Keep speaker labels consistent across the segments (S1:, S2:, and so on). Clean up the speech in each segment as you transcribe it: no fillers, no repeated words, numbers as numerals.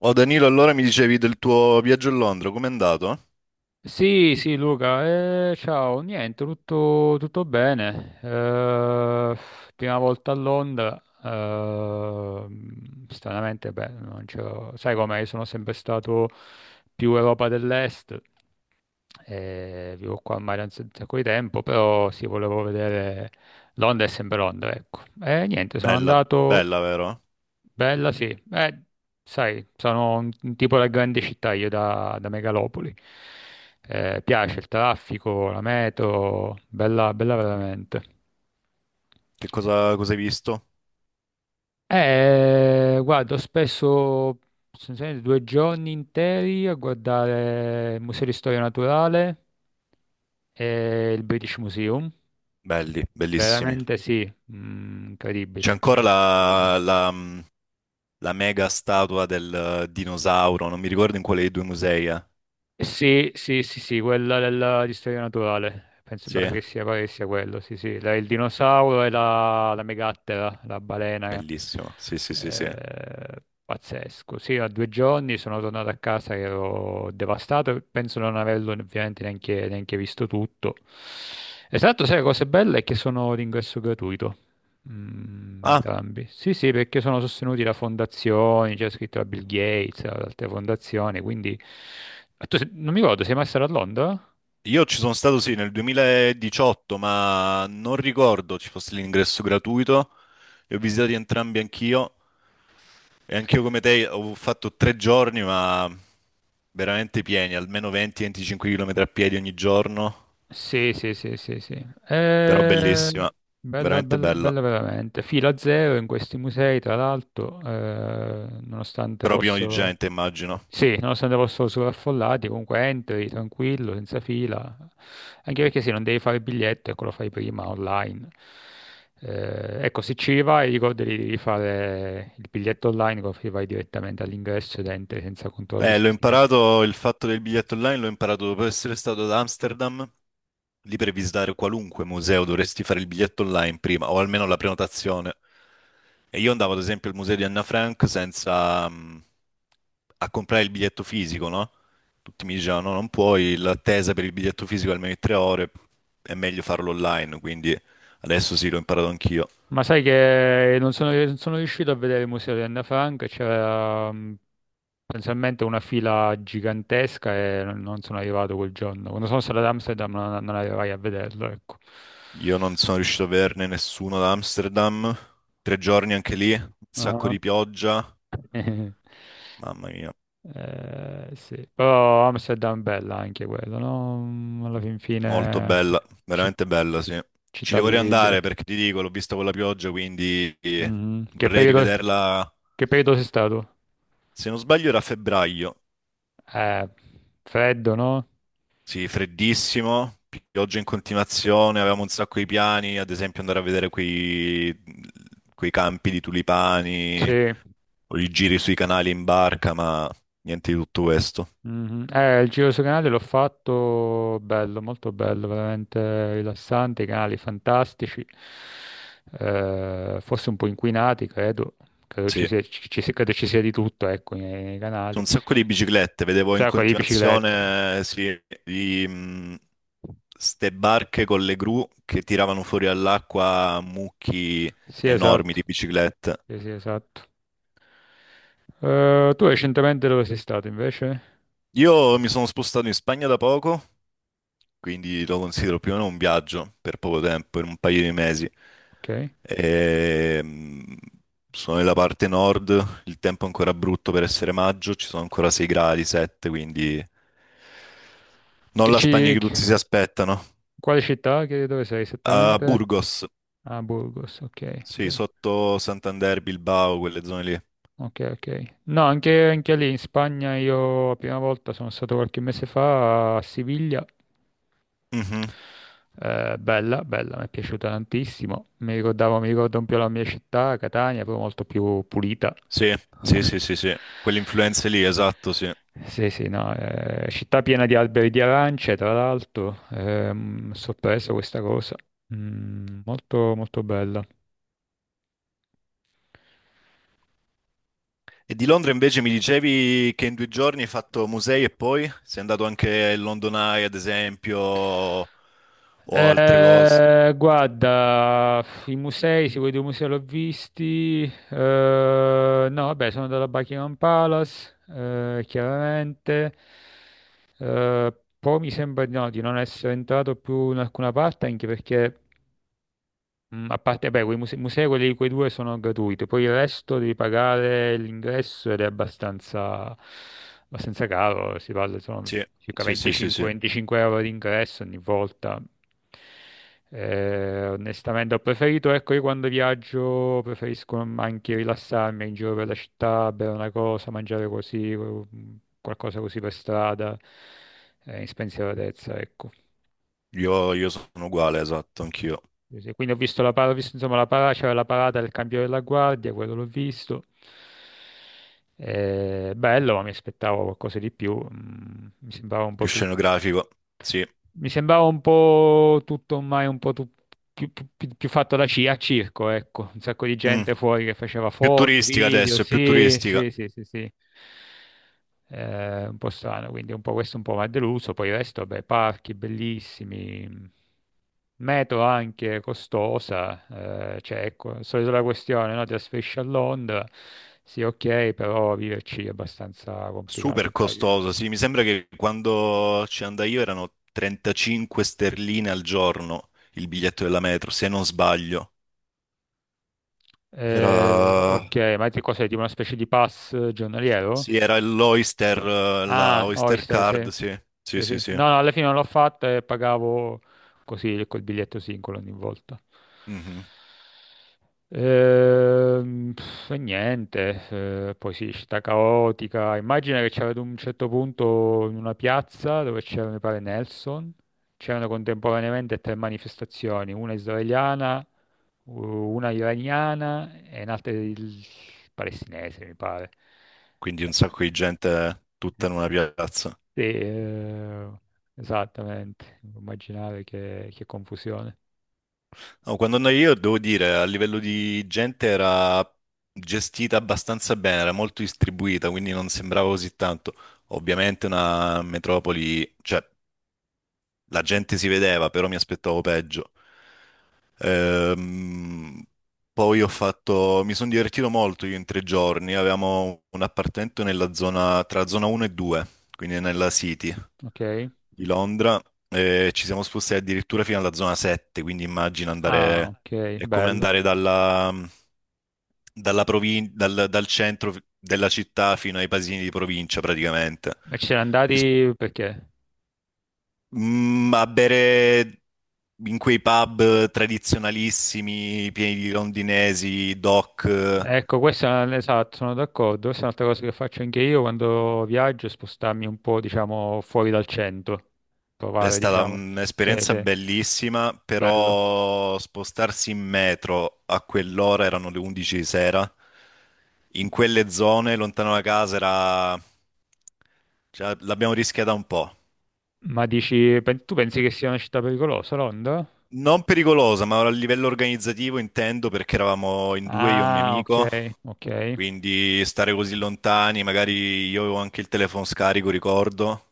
S1: Oh Danilo, allora mi dicevi del tuo viaggio a Londra, com'è andato?
S2: Sì, sì, Luca, ciao, niente, tutto bene. Prima volta a Londra, stranamente, beh, non c'ho- sai com'è, io sono sempre stato più Europa dell'Est. Vivo qua a Mare da un sacco di tempo, però sì, volevo vedere Londra è sempre Londra, ecco. E niente, sono
S1: Bella,
S2: andato.
S1: bella, vero?
S2: Bella sì. eh, Sai, sono un tipo da grande città, io da megalopoli. Piace il traffico, la metro, bella, bella veramente.
S1: Che cosa hai visto?
S2: Guardo spesso, sostanzialmente 2 giorni interi a guardare il Museo di Storia Naturale e il British Museum.
S1: Belli, bellissimi.
S2: Veramente sì,
S1: C'è
S2: incredibile.
S1: ancora la mega statua del dinosauro, non mi ricordo in quale dei due musei è.
S2: Sì, sì, sì, sì, quella di storia naturale. Penso
S1: Sì,
S2: pare che sia quello, sì, sì. Il dinosauro e la megattera, la balena.
S1: bellissimo. Sì, sì, sì, sì.
S2: Pazzesco. Sì, a 2 giorni sono tornato a casa che ero devastato. Penso non averlo ovviamente neanche visto tutto. Esatto, sai, la cosa bella è che sono d'ingresso gratuito.
S1: Ah,
S2: Entrambi. Sì, sì, perché sono sostenuti da fondazioni, c'è scritto da Bill Gates, da altre fondazioni, quindi... Ah, tu se- non mi ricordo, sei mai stato a Londra?
S1: io ci sono stato, sì, nel 2018, ma non ricordo ci fosse l'ingresso gratuito. Li ho visitati entrambi anch'io. E anch'io come te ho fatto 3 giorni, ma veramente pieni, almeno 20-25 km a piedi ogni giorno,
S2: Sì, sì, sì, sì, sì.
S1: però
S2: Eh,
S1: bellissima,
S2: Bella,
S1: veramente
S2: bella,
S1: bella,
S2: bella veramente. Fila zero in questi musei, tra l'altro, nonostante
S1: però pieno di
S2: fossero...
S1: gente, immagino.
S2: Sì, nonostante fossero sovraffollati, comunque entri tranquillo, senza fila. Anche perché sì, non devi fare il biglietto, ecco, lo fai prima online. Ecco, se ci vai, ricordati di fare il biglietto online, così vai direttamente all'ingresso ed entri senza controlli,
S1: L'ho
S2: senza niente.
S1: imparato, il fatto del biglietto online l'ho imparato dopo essere stato ad Amsterdam. Lì per visitare qualunque museo dovresti fare il biglietto online prima, o almeno la prenotazione. E io andavo ad esempio al museo di Anna Frank senza a comprare il biglietto fisico, no? Tutti mi dicevano no, non puoi, l'attesa per il biglietto fisico è almeno di 3 ore, è meglio farlo online, quindi adesso sì, l'ho imparato anch'io.
S2: Ma sai che non sono riuscito a vedere il museo di Anna Frank, c'era potenzialmente una fila gigantesca e non sono arrivato quel giorno. Quando sono stato ad Amsterdam non arrivai a vederlo, ecco.
S1: Io non sono riuscito a averne nessuno ad Amsterdam, 3 giorni anche lì, un sacco di pioggia, mamma mia.
S2: Sì, però Amsterdam bella anche quello, no? Alla fin
S1: Molto
S2: fine
S1: bella,
S2: ci-
S1: veramente bella, sì. Ci
S2: città
S1: devo riandare
S2: vivibile.
S1: perché ti dico, l'ho vista con la pioggia, quindi
S2: Mhm.
S1: vorrei rivederla.
S2: Che periodo sei stato?
S1: Se non sbaglio era a febbraio.
S2: Eh, Freddo, no?
S1: Sì, freddissimo, pioggia in continuazione, avevamo un sacco di piani, ad esempio andare a vedere quei campi di tulipani
S2: Sì.
S1: o i giri sui canali in barca, ma niente di tutto questo.
S2: Mhm. Il giro sui canali l'ho fatto bello, molto bello, veramente rilassante, i canali fantastici, forse un po' inquinati, credo. credo ci
S1: Sì.
S2: sia, ci- ci sia- credo ci sia di tutto, ecco, nei
S1: Su
S2: canali.
S1: un sacco di biciclette, vedevo in
S2: Sai, quelli di biciclette.
S1: continuazione, sì, di, ste barche con le gru che tiravano fuori all'acqua mucchi
S2: Sì,
S1: enormi
S2: esatto.
S1: di biciclette.
S2: Sì, sì, esatto. Tu recentemente dove sei stato invece?
S1: Io mi sono spostato in Spagna da poco, quindi lo considero più o meno un viaggio per poco tempo, in un paio di mesi.
S2: Ok.
S1: E, mh, Sono nella parte nord, il tempo è ancora brutto per essere maggio, ci sono ancora 6 gradi, 7, quindi non
S2: Che
S1: la Spagna
S2: ci...
S1: che tutti si aspettano.
S2: Quale città? Dove sei
S1: A
S2: esattamente?
S1: Burgos,
S2: Ah, Burgos, ok.
S1: sì,
S2: Ok.
S1: sotto Santander, Bilbao, quelle zone lì.
S2: Ok, ok. No, anche lì in Spagna io la prima volta sono stato qualche mese fa a Siviglia.
S1: Mhm.
S2: Bella, bella, mi è piaciuta tantissimo. Mi ricordo un po' la mia città, Catania, però molto più pulita.
S1: Sì, sì, sì, sì, sì, quelle influenze lì, esatto, sì.
S2: Sì, sì, no, città piena di alberi di arance, tra l'altro, sorpresa questa cosa. Molto, molto bella.
S1: E di Londra invece mi dicevi che in due giorni hai fatto musei e poi sei andato anche al London Eye, ad esempio, o altre cose.
S2: Guarda, i musei, se vuoi due musei l'ho visti. No, vabbè, sono andato a Buckingham Palace, chiaramente. Poi mi sembra di no, di non essere entrato più in alcuna parte, anche perché a parte, beh, quei musei, quei due sono gratuiti, poi il resto devi pagare l'ingresso ed è abbastanza caro, si parla sono
S1: Sì,
S2: circa
S1: sì, sì, sì, sì.
S2: 25-25 euro di ingresso ogni volta. Onestamente ho preferito, ecco, io quando viaggio preferisco anche rilassarmi in giro per la città, bere una cosa, mangiare così, qualcosa così per strada, in spensieratezza, ecco.
S1: Io sono uguale, esatto, anch'io.
S2: Sì, sì, quindi ho visto la parata, insomma, c'era la parata del cambio della guardia, quello l'ho visto. Bello, ma mi aspettavo qualcosa di più. Mi sembrava un
S1: Più
S2: po' tutto.
S1: scenografico, sì.
S2: Mi sembrava un po' tutto ormai più fatto a circo, ecco, un sacco di
S1: Mm.
S2: gente fuori che faceva
S1: Più
S2: foto,
S1: turistica
S2: video,
S1: adesso, è più
S2: sì,
S1: turistica.
S2: sì, sì, sì, sì. Un po' strano, quindi un po' questo un po' mi ha deluso, poi il resto, beh, parchi bellissimi, metro anche costosa, cioè ecco, solito la questione, no? Trasferisci a Londra, sì ok, però viverci è abbastanza complicato,
S1: Super
S2: immagino.
S1: costoso, sì, mi sembra che quando ci andai io erano 35 sterline al giorno il biglietto della metro, se non sbaglio. Era,
S2: Ok, ma ti cos'è? Tipo una specie di pass giornaliero?
S1: sì, era l'Oyster, la
S2: Ah,
S1: Oyster
S2: Oyster,
S1: Card,
S2: sì.
S1: sì, sì,
S2: Sì,
S1: sì,
S2: sì.
S1: sì.
S2: No, no, alla fine non l'ho fatto e pagavo così col biglietto singolo ogni volta.
S1: Mhm.
S2: E niente, poi sì, città caotica. Immagina che c'era ad un certo punto in una piazza dove c'era, mi pare, Nelson. C'erano contemporaneamente tre manifestazioni, una israeliana, una iraniana e un'altra palestinese, mi pare.
S1: Quindi un sacco di gente tutta in una piazza.
S2: Sì, esattamente, immaginare che confusione.
S1: No, quando andai io, devo dire, a livello di gente era gestita abbastanza bene, era molto distribuita, quindi non sembrava così tanto. Ovviamente una metropoli, cioè la gente si vedeva, però mi aspettavo peggio. Ehm, Poi ho fatto, mi sono divertito molto io in 3 giorni, avevamo un appartamento nella zona, tra zona 1 e 2, quindi nella City
S2: Ok,
S1: di Londra, e ci siamo spostati addirittura fino alla zona 7, quindi immagina
S2: ah,
S1: andare,
S2: ok,
S1: è come
S2: bello.
S1: andare dal centro della città fino ai paesini di provincia praticamente.
S2: Ma ci siete
S1: Ci
S2: andati perché?
S1: A bere in quei pub tradizionalissimi, pieni di londinesi, doc,
S2: Ecco, esatto, sono d'accordo. Questa è un'altra cosa che faccio anche io quando viaggio, è spostarmi un po', diciamo, fuori dal centro,
S1: è
S2: provare,
S1: stata
S2: diciamo. Sì,
S1: un'esperienza
S2: sì,
S1: bellissima,
S2: bello.
S1: però spostarsi in metro a quell'ora, erano le 11 di sera, in quelle zone, lontano da casa, era... cioè, l'abbiamo rischiata un po'.
S2: Tu pensi che sia una città pericolosa, Londra?
S1: Non pericolosa, ma a livello organizzativo intendo perché eravamo in due, io e un mio
S2: Ah, ok,
S1: amico.
S2: ok.
S1: Quindi stare così lontani, magari io avevo anche il telefono scarico, ricordo,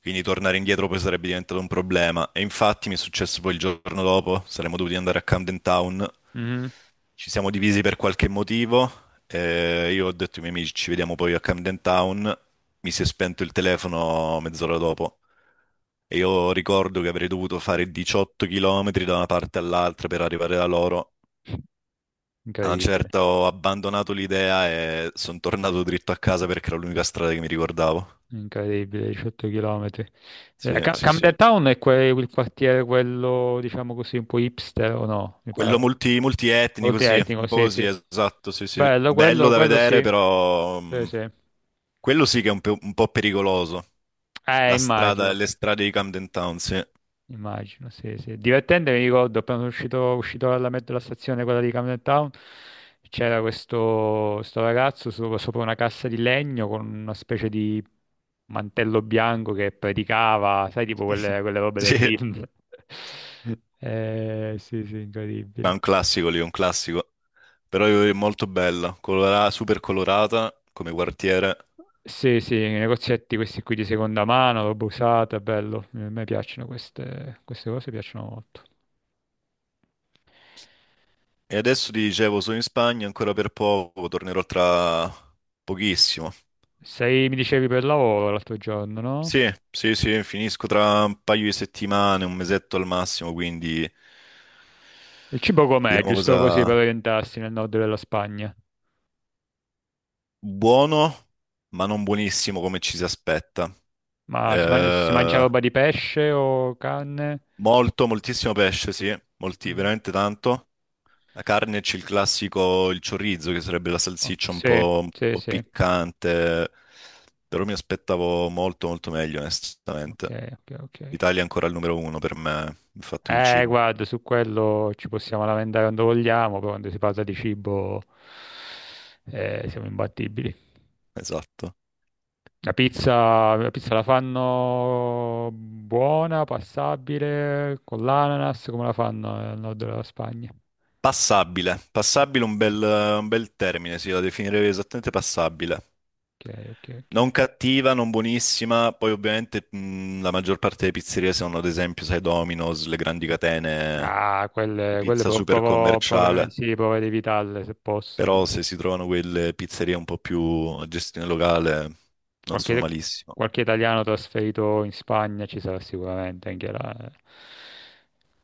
S1: quindi tornare indietro poi sarebbe diventato un problema. E infatti mi è successo poi il giorno dopo, saremmo dovuti andare a Camden Town,
S2: Mhm.
S1: ci siamo divisi per qualche motivo, e io ho detto ai miei amici ci vediamo poi a Camden Town, mi si è spento il telefono mezz'ora dopo e io ricordo che avrei dovuto fare 18 km da una parte all'altra per arrivare da loro a un
S2: Incredibile.
S1: certo ho abbandonato l'idea e sono tornato dritto a casa perché era l'unica strada che mi ricordavo.
S2: Incredibile, 18 km.
S1: Sì, sì, sì.
S2: Camden Town è il quartiere, quello, diciamo così, un po' hipster o no? Mi
S1: Quello
S2: pare.
S1: multietnico,
S2: Molto
S1: sì, un
S2: etnico,
S1: po'
S2: sì,
S1: così,
S2: sì.
S1: esatto, sì, sì.
S2: Bello,
S1: Bello
S2: quello,
S1: da
S2: quello
S1: vedere,
S2: sì.
S1: però
S2: Sì, sì.
S1: quello sì che è un po' pericoloso. La strada,
S2: Immagino.
S1: le strade di Camden Town, sì.
S2: Immagino, sì, sì. Divertente, mi ricordo, appena sono uscito dalla metro della stazione, quella di Camden Town, c'era questo, sto ragazzo sopra una cassa di legno con una specie di mantello bianco che predicava, sai, tipo quelle robe da
S1: Sì,
S2: film. Sì, sì, incredibile.
S1: ma è un classico lì, un classico. Però è molto bella, super colorata come quartiere.
S2: Sì, sì, i negozietti questi qui di seconda mano, roba usata, bello. A me piacciono queste cose, piacciono molto.
S1: E adesso ti dicevo, sono in Spagna ancora per poco, tornerò tra pochissimo.
S2: Sei, mi dicevi, per lavoro l'altro giorno, no?
S1: Sì, sì, sì, finisco tra un paio di settimane, un mesetto al massimo, quindi
S2: Il cibo com'è?
S1: vediamo
S2: Giusto così per
S1: cosa.
S2: orientarsi nel nord della Spagna.
S1: Buono, ma non buonissimo come ci si aspetta.
S2: Si mangia
S1: Eh,
S2: roba di pesce o carne?
S1: Molto, moltissimo pesce, sì, molti,
S2: Mm.
S1: veramente tanto. La carne c'è il classico, il chorizo, che sarebbe la
S2: Oh,
S1: salsiccia
S2: sì,
S1: un
S2: sì,
S1: po'
S2: sì.
S1: piccante, però mi aspettavo molto, molto meglio,
S2: Ok,
S1: onestamente.
S2: ok, ok.
S1: L'Italia è ancora il numero uno per me, il fatto di cibo.
S2: Guarda, su quello ci possiamo lamentare quando vogliamo, però quando si parla di cibo siamo imbattibili.
S1: Esatto.
S2: La pizza la fanno buona, passabile, con l'ananas, come la fanno nel nord della Spagna?
S1: Passabile. Passabile, un bel termine, sì, la definirei esattamente passabile.
S2: Ok, ok,
S1: Non
S2: ok.
S1: cattiva, non buonissima. Poi ovviamente la maggior parte delle pizzerie sono ad esempio, sai, Domino's, le grandi catene
S2: Ah,
S1: di
S2: quelle
S1: pizza super commerciale.
S2: sì, provo ad evitarle se posso.
S1: Però se si trovano quelle pizzerie un po' più a gestione locale, non sono
S2: Qualche,
S1: malissimo.
S2: Qualche italiano trasferito in Spagna ci sarà sicuramente anche là,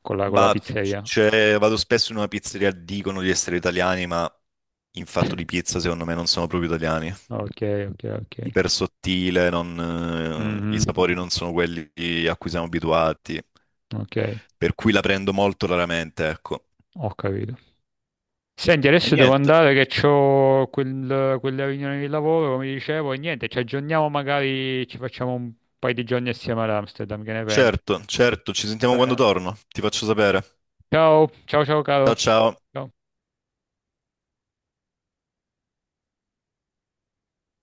S2: con con la
S1: Bah,
S2: pizzeria.
S1: cioè, vado spesso in una pizzeria, dicono di essere italiani, ma in fatto di pizza secondo me non sono proprio italiani.
S2: Ok, ok, ok.
S1: Iper sottile, non, i
S2: Mhm,
S1: sapori
S2: mhm.
S1: non sono quelli a cui siamo abituati,
S2: Ok,
S1: per cui la prendo molto raramente, ecco.
S2: ho capito. Senti,
S1: E
S2: adesso devo
S1: niente,
S2: andare che ho quella riunione di lavoro, come dicevo, e niente, ci aggiorniamo magari, ci facciamo un paio di giorni assieme ad Amsterdam, che ne pensi?
S1: certo, certo, ci
S2: Va
S1: sentiamo quando
S2: bene?
S1: torno, ti faccio sapere.
S2: Ciao, ciao, ciao caro.
S1: Ciao ciao.
S2: Ciao.